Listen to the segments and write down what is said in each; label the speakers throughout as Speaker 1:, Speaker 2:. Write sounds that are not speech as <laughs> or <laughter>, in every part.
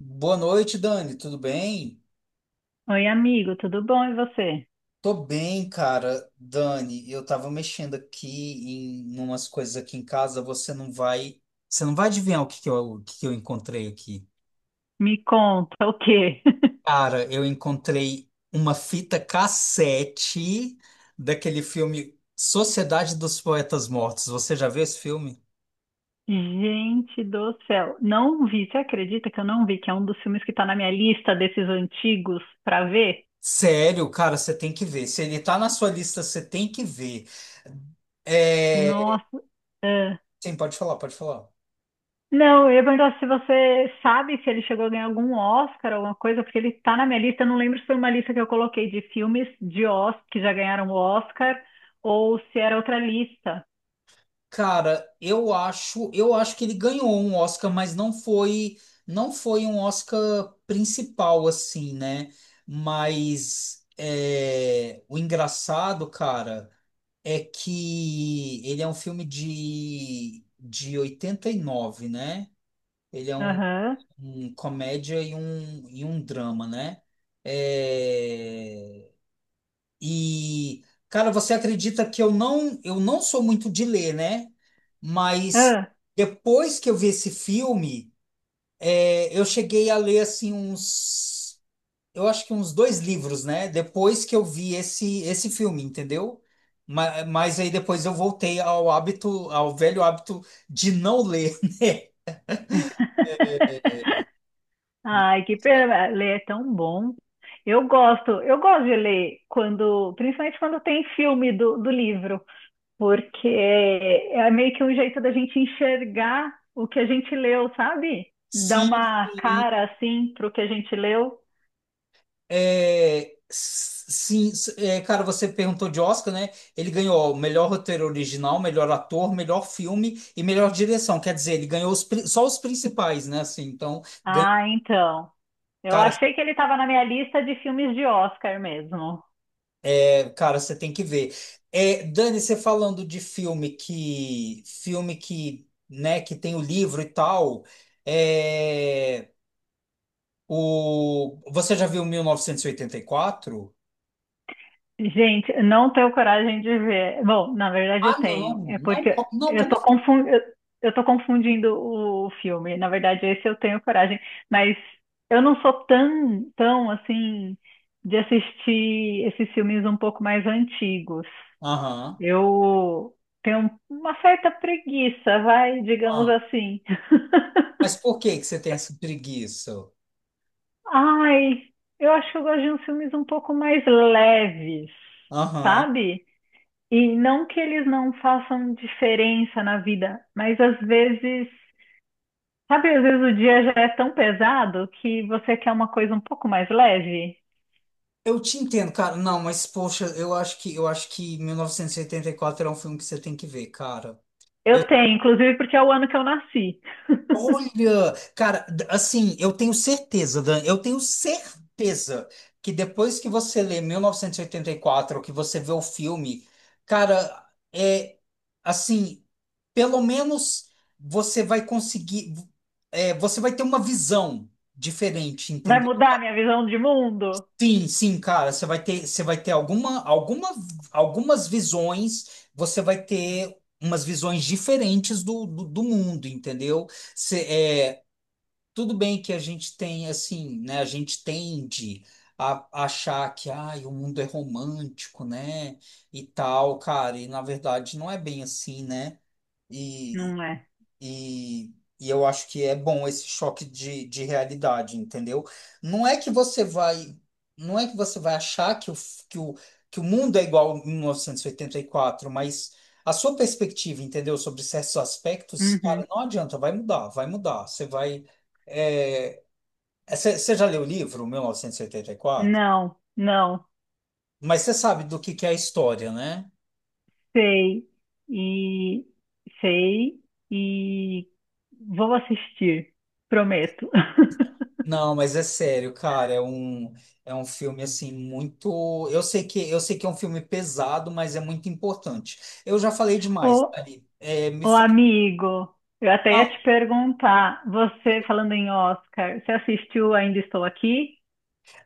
Speaker 1: Boa noite, Dani. Tudo bem?
Speaker 2: Oi, amigo, tudo bom? E você?
Speaker 1: Tô bem, cara. Dani, eu tava mexendo aqui em umas coisas aqui em casa. Você não vai adivinhar o que que eu encontrei aqui.
Speaker 2: Me conta o quê? <laughs>
Speaker 1: Cara, eu encontrei uma fita cassete daquele filme Sociedade dos Poetas Mortos. Você já viu esse filme?
Speaker 2: Gente do céu, não vi. Você acredita que eu não vi? Que é um dos filmes que tá na minha lista desses antigos pra ver?
Speaker 1: Sério, cara, você tem que ver. Se ele tá na sua lista, você tem que ver. É...
Speaker 2: Nossa, ah.
Speaker 1: Sim, pode falar, pode falar.
Speaker 2: Não, eu ia perguntar se você sabe se ele chegou a ganhar algum Oscar, alguma coisa, porque ele tá na minha lista. Eu não lembro se foi uma lista que eu coloquei de filmes de Oscar que já ganharam o Oscar ou se era outra lista.
Speaker 1: Cara, eu acho que ele ganhou um Oscar, mas não foi um Oscar principal assim, né? Mas é, o engraçado, cara, é que ele é um filme de 89, né? Ele é um,
Speaker 2: Aham.
Speaker 1: um comédia e e um drama, né? É, e, cara, você acredita que eu não sou muito de ler, né? Mas
Speaker 2: Ah.
Speaker 1: depois que eu vi esse filme, é, eu cheguei a ler assim uns, eu acho que uns dois livros, né? Depois que eu vi esse filme, entendeu? Mas aí depois eu voltei ao hábito, ao velho hábito de não ler.
Speaker 2: <laughs> Ai, que pena, ler é tão bom. Eu gosto de ler quando, principalmente quando tem filme do livro, porque é meio que um jeito da gente enxergar o que a gente leu, sabe?
Speaker 1: <laughs>
Speaker 2: Dá
Speaker 1: Sim,
Speaker 2: uma
Speaker 1: sim.
Speaker 2: cara assim pro que a gente leu.
Speaker 1: É, cara, você perguntou de Oscar, né? Ele ganhou melhor roteiro original, melhor ator, melhor filme e melhor direção. Quer dizer, ele ganhou só os principais, né? Assim, então, ganha-
Speaker 2: Ah, então. Eu
Speaker 1: cara,
Speaker 2: achei que ele estava na minha lista de filmes de Oscar mesmo.
Speaker 1: cara, você tem que ver. É, Dani, você falando filme que, né, que tem o livro e tal. É, o, você já viu 1984?
Speaker 2: Gente, eu não tenho coragem de ver. Bom, na verdade eu
Speaker 1: Ah, não,
Speaker 2: tenho. É
Speaker 1: não,
Speaker 2: porque
Speaker 1: co- não,
Speaker 2: eu
Speaker 1: Como?
Speaker 2: tô
Speaker 1: Assim?
Speaker 2: confundindo, eu tô confundindo o filme. Na verdade, esse eu tenho coragem, mas eu não sou tão assim de assistir esses filmes um pouco mais antigos.
Speaker 1: Aham.
Speaker 2: Eu tenho uma certa preguiça, vai, digamos assim.
Speaker 1: Mas por que que você tem essa preguiça?
Speaker 2: Ai, eu acho que eu gosto de uns filmes um pouco mais leves,
Speaker 1: Aham.
Speaker 2: sabe? E não que eles não façam diferença na vida, mas às vezes, sabe, às vezes o dia já é tão pesado que você quer uma coisa um pouco mais leve.
Speaker 1: Eu te entendo, cara. Não, mas poxa, eu acho que 1984 é um filme que você tem que ver, cara.
Speaker 2: Eu
Speaker 1: Eu,
Speaker 2: tenho, inclusive porque é o ano que eu nasci.
Speaker 1: olha, cara, assim, eu tenho certeza, Dan, eu tenho certeza que depois que você lê 1984, que você vê o filme, cara, é assim, pelo menos você vai conseguir, é, você vai ter uma visão diferente,
Speaker 2: Vai
Speaker 1: entendeu?
Speaker 2: mudar minha visão de mundo?
Speaker 1: Sim, sim, cara, você vai ter algumas visões, você vai ter umas visões diferentes do mundo, entendeu? Você, é, tudo bem que a gente tem, assim, né, a gente tende a achar que, ai, o mundo é romântico, né, e tal, cara, e na verdade não é bem assim, né?
Speaker 2: Não é.
Speaker 1: E, e eu acho que é bom esse choque de realidade, entendeu? Não é que você vai, não é que você vai achar que o, f- que o mundo é igual em 1984, mas a sua perspectiva, entendeu, sobre certos aspectos,
Speaker 2: Uhum.
Speaker 1: cara, não adianta, vai mudar, vai mudar. Você vai. É, é, você já leu o livro, 1984?
Speaker 2: Não, não.
Speaker 1: Mas você sabe do que é a história, né?
Speaker 2: Sei. E sei e vou assistir, prometo. <laughs>
Speaker 1: Não, mas é sério, cara, é um filme assim muito, eu sei que é um filme pesado, mas é muito importante. Eu já falei demais,
Speaker 2: Ou
Speaker 1: Thalita. É, me
Speaker 2: Ô
Speaker 1: fala.
Speaker 2: amigo, eu até ia te perguntar, você falando em Oscar, você assistiu Ainda Estou Aqui?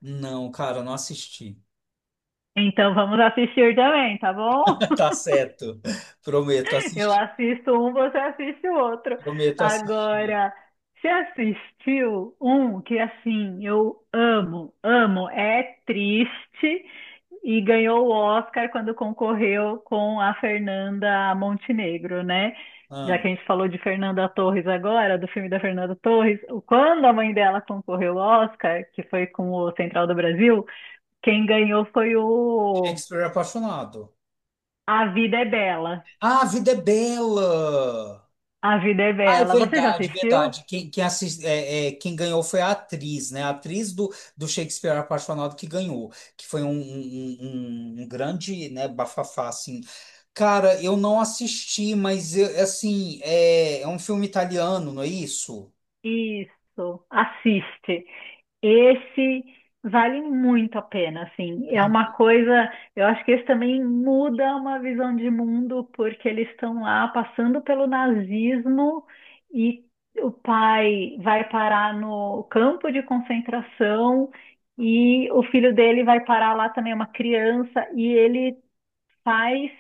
Speaker 1: Não, cara, eu não assisti.
Speaker 2: Então vamos assistir também, tá bom?
Speaker 1: <laughs>
Speaker 2: <laughs>
Speaker 1: Tá certo. Prometo
Speaker 2: Eu
Speaker 1: assistir.
Speaker 2: assisto um, você assiste o outro.
Speaker 1: Prometo assistir.
Speaker 2: Agora, você assistiu um que assim, eu amo, amo, é triste e ganhou o Oscar quando concorreu com a Fernanda Montenegro, né? Já
Speaker 1: Ah,
Speaker 2: que a gente falou de Fernanda Torres agora, do filme da Fernanda Torres, quando a mãe dela concorreu ao Oscar, que foi com o Central do Brasil, quem ganhou foi o
Speaker 1: Shakespeare é apaixonado.
Speaker 2: A Vida é Bela.
Speaker 1: Ah, A Vida é Bela.
Speaker 2: A Vida é
Speaker 1: Ah, é
Speaker 2: Bela. Você já
Speaker 1: verdade,
Speaker 2: assistiu?
Speaker 1: verdade. Quem, quem, assis- é, é, Quem ganhou foi a atriz, né? A atriz do Shakespeare Apaixonado que ganhou, que foi um grande, né, bafafá, assim. Cara, eu não assisti, assim, é, é um filme italiano, não é isso?
Speaker 2: Isso, assiste. Esse vale muito a pena, assim. É uma coisa, eu acho que esse também muda uma visão de mundo, porque eles estão lá passando pelo nazismo e o pai vai parar no campo de concentração e o filho dele vai parar lá também, é uma criança, e ele faz,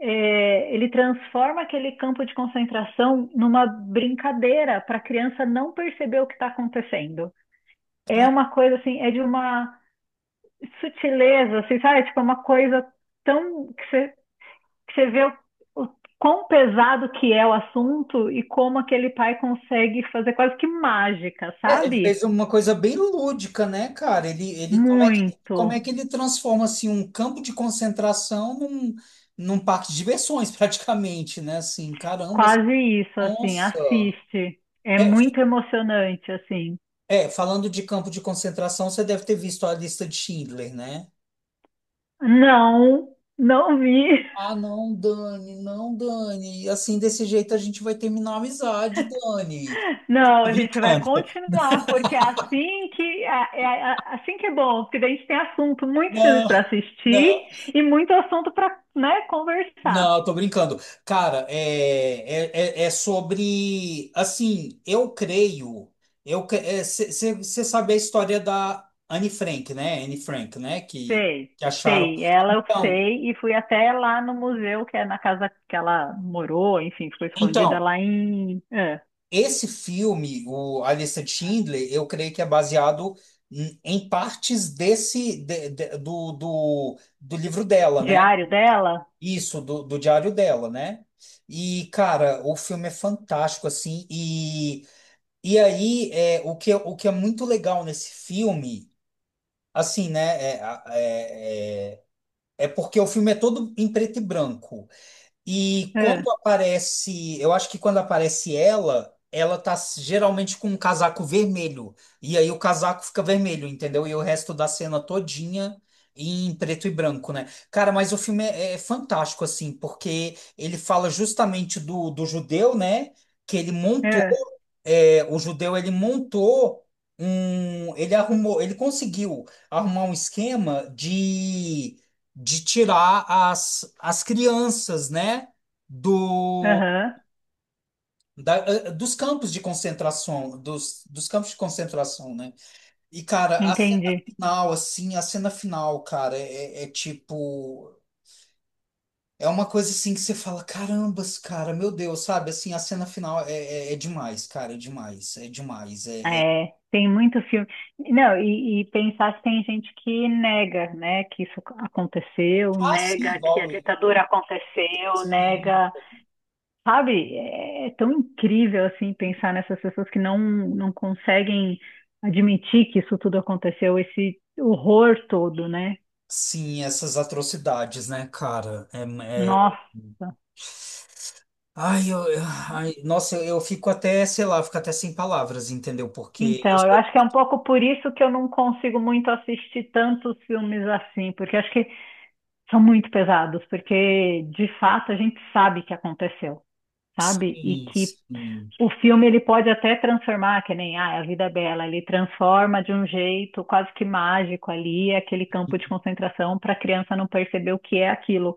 Speaker 2: é, ele transforma aquele campo de concentração numa brincadeira para a criança não perceber o que está acontecendo. É uma coisa assim, é de uma sutileza, assim, sabe? Tipo, é uma coisa tão que você vê o quão pesado que é o assunto e como aquele pai consegue fazer quase que mágica,
Speaker 1: É, ele
Speaker 2: sabe?
Speaker 1: fez uma coisa bem lúdica, né, cara? Ele, como é
Speaker 2: Muito,
Speaker 1: que ele transforma assim um campo de concentração num, num parque de diversões, <laughs> praticamente, né? Assim, caramba, assim,
Speaker 2: quase isso, assim,
Speaker 1: nossa.
Speaker 2: assiste. É
Speaker 1: É,
Speaker 2: muito emocionante, assim.
Speaker 1: é, falando de campo de concentração, você deve ter visto a lista de Schindler, né?
Speaker 2: Não, não vi.
Speaker 1: Ah, não, Dani, não, Dani. Assim, desse jeito a gente vai terminar a amizade, Dani.
Speaker 2: Não,
Speaker 1: Tô
Speaker 2: a gente vai
Speaker 1: brincando.
Speaker 2: continuar, porque é assim que é, é assim que é bom, porque daí a gente tem assunto, muitos filmes
Speaker 1: Não,
Speaker 2: para
Speaker 1: não,
Speaker 2: assistir e muito assunto para, né, conversar.
Speaker 1: não, tô brincando. Cara, é, é, é é sobre. Assim, eu creio. Eu, você sabe a história da Anne Frank, né? Anne Frank, né?
Speaker 2: Sei,
Speaker 1: Que acharam.
Speaker 2: sei, ela eu
Speaker 1: Então,
Speaker 2: sei, e fui até lá no museu, que é na casa que ela morou, enfim, ficou escondida
Speaker 1: então.
Speaker 2: lá em é,
Speaker 1: Esse filme, o A Lista de Schindler, eu creio que é baseado em em partes desse do livro dela, né?
Speaker 2: diário dela.
Speaker 1: Isso, do diário dela, né? E, cara, o filme é fantástico, assim. E aí, é, o que é muito legal nesse filme, assim, né? É, é, é é porque o filme é todo em preto e branco. E
Speaker 2: É,
Speaker 1: quando aparece, eu acho que quando aparece ela, ela tá geralmente com um casaco vermelho. E aí o casaco fica vermelho, entendeu? E o resto da cena todinha em preto e branco, né? Cara, mas o filme é, é fantástico, assim, porque ele fala justamente do judeu, né? Que ele montou,
Speaker 2: é,
Speaker 1: é, o judeu, ele montou um, ele arrumou, ele conseguiu arrumar um esquema de tirar as, as crianças, né, do
Speaker 2: aham,
Speaker 1: da- eh, eh, dos campos de concentração, dos, dos campos de concentração, né? E cara,
Speaker 2: entendi.
Speaker 1: a cena final, cara, é, é é tipo é uma coisa assim que você fala, carambas, cara, meu Deus, sabe? Assim, a cena final é, é, é demais, cara, é demais, é demais, é, é...
Speaker 2: É, tem muito filme. Não, e pensar se tem gente que nega, né, que isso aconteceu,
Speaker 1: Ah, sim,
Speaker 2: nega que a
Speaker 1: igual ele.
Speaker 2: ditadura aconteceu,
Speaker 1: Sim,
Speaker 2: nega. Sabe? É é tão incrível, assim, pensar nessas pessoas que não, não conseguem admitir que isso tudo aconteceu, esse horror todo, né?
Speaker 1: sim, essas atrocidades, né, cara? É, é-
Speaker 2: Nossa.
Speaker 1: ai, eu- ai, nossa, eu fico até, sei lá, fico até sem palavras, entendeu? Porque eu
Speaker 2: Então, eu
Speaker 1: sou.
Speaker 2: acho que é um pouco por isso que eu não consigo muito assistir tantos filmes assim, porque acho que são muito pesados, porque de fato a gente sabe que aconteceu, sabe? E
Speaker 1: Sim,
Speaker 2: que
Speaker 1: sim,
Speaker 2: o filme ele pode até transformar, que nem ah, a vida é bela, ele transforma de um jeito quase que mágico ali aquele campo de concentração para a criança não perceber o que é aquilo.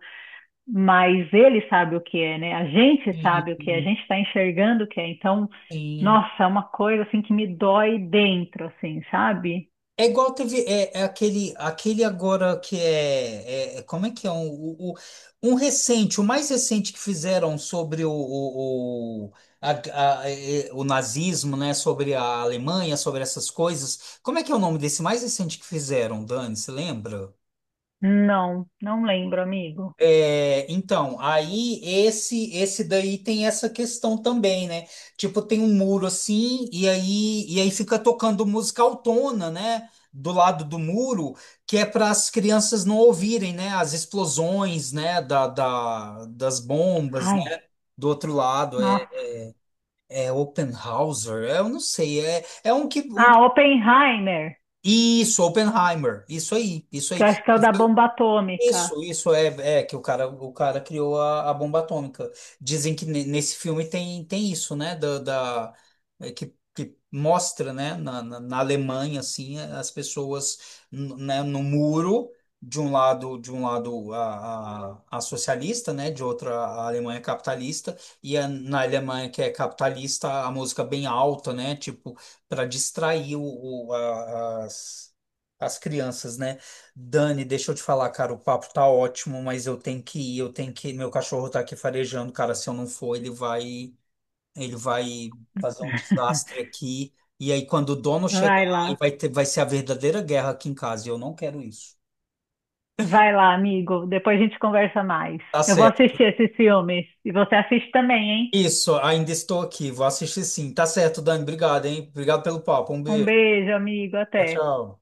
Speaker 2: Mas ele sabe o que é, né? A gente sabe o que é, a
Speaker 1: sim,
Speaker 2: gente está enxergando o que é. Então,
Speaker 1: sim.
Speaker 2: nossa, é uma coisa assim que me dói dentro, assim, sabe?
Speaker 1: É igual teve. Aquele agora que é, como é que é? Um recente, o mais recente que fizeram sobre o, é, o nazismo, né? Sobre a Alemanha, sobre essas coisas. Como é que é o nome desse mais recente que fizeram, Dani? Você lembra?
Speaker 2: Não, não lembro, amigo.
Speaker 1: É, então, aí esse daí tem essa questão também, né? Tipo, tem um muro assim, e aí fica tocando música autona, né? Do lado do muro, que é para as crianças não ouvirem, né? As explosões, né? Das bombas,
Speaker 2: Ai,
Speaker 1: né? Do outro lado, é,
Speaker 2: nossa.
Speaker 1: é Oppenhauser, é, eu não sei, é, é um que. Um,
Speaker 2: Ah, Oppenheimer.
Speaker 1: isso, Oppenheimer, isso aí, isso
Speaker 2: Que
Speaker 1: aí.
Speaker 2: eu acho que é o da bomba atômica.
Speaker 1: Isso é, é que o cara criou a bomba atômica. Dizem que nesse filme tem, tem isso, né? É, que mostra, né? Na Alemanha, assim, as pessoas, né? No muro, de um lado a socialista, né? De outra a Alemanha capitalista. Na Alemanha que é capitalista, a música bem alta, né? Tipo, para distrair o- a- as, as crianças, né? Dani, deixa eu te falar, cara, o papo tá ótimo, mas eu tenho que ir. Meu cachorro tá aqui farejando, cara. Se eu não for, ele vai fazer um desastre
Speaker 2: <laughs>
Speaker 1: aqui. E aí, quando o dono chegar,
Speaker 2: Vai lá,
Speaker 1: vai ser a verdadeira guerra aqui em casa. E eu não quero isso.
Speaker 2: vai lá, amigo. Depois a gente conversa mais.
Speaker 1: Tá
Speaker 2: Eu vou
Speaker 1: certo.
Speaker 2: assistir esses filmes. E você assiste também, hein?
Speaker 1: Isso, ainda estou aqui. Vou assistir sim. Tá certo, Dani. Obrigado, hein? Obrigado pelo papo. Um
Speaker 2: Um
Speaker 1: beijo.
Speaker 2: beijo, amigo.
Speaker 1: Tchau,
Speaker 2: Até.
Speaker 1: tchau.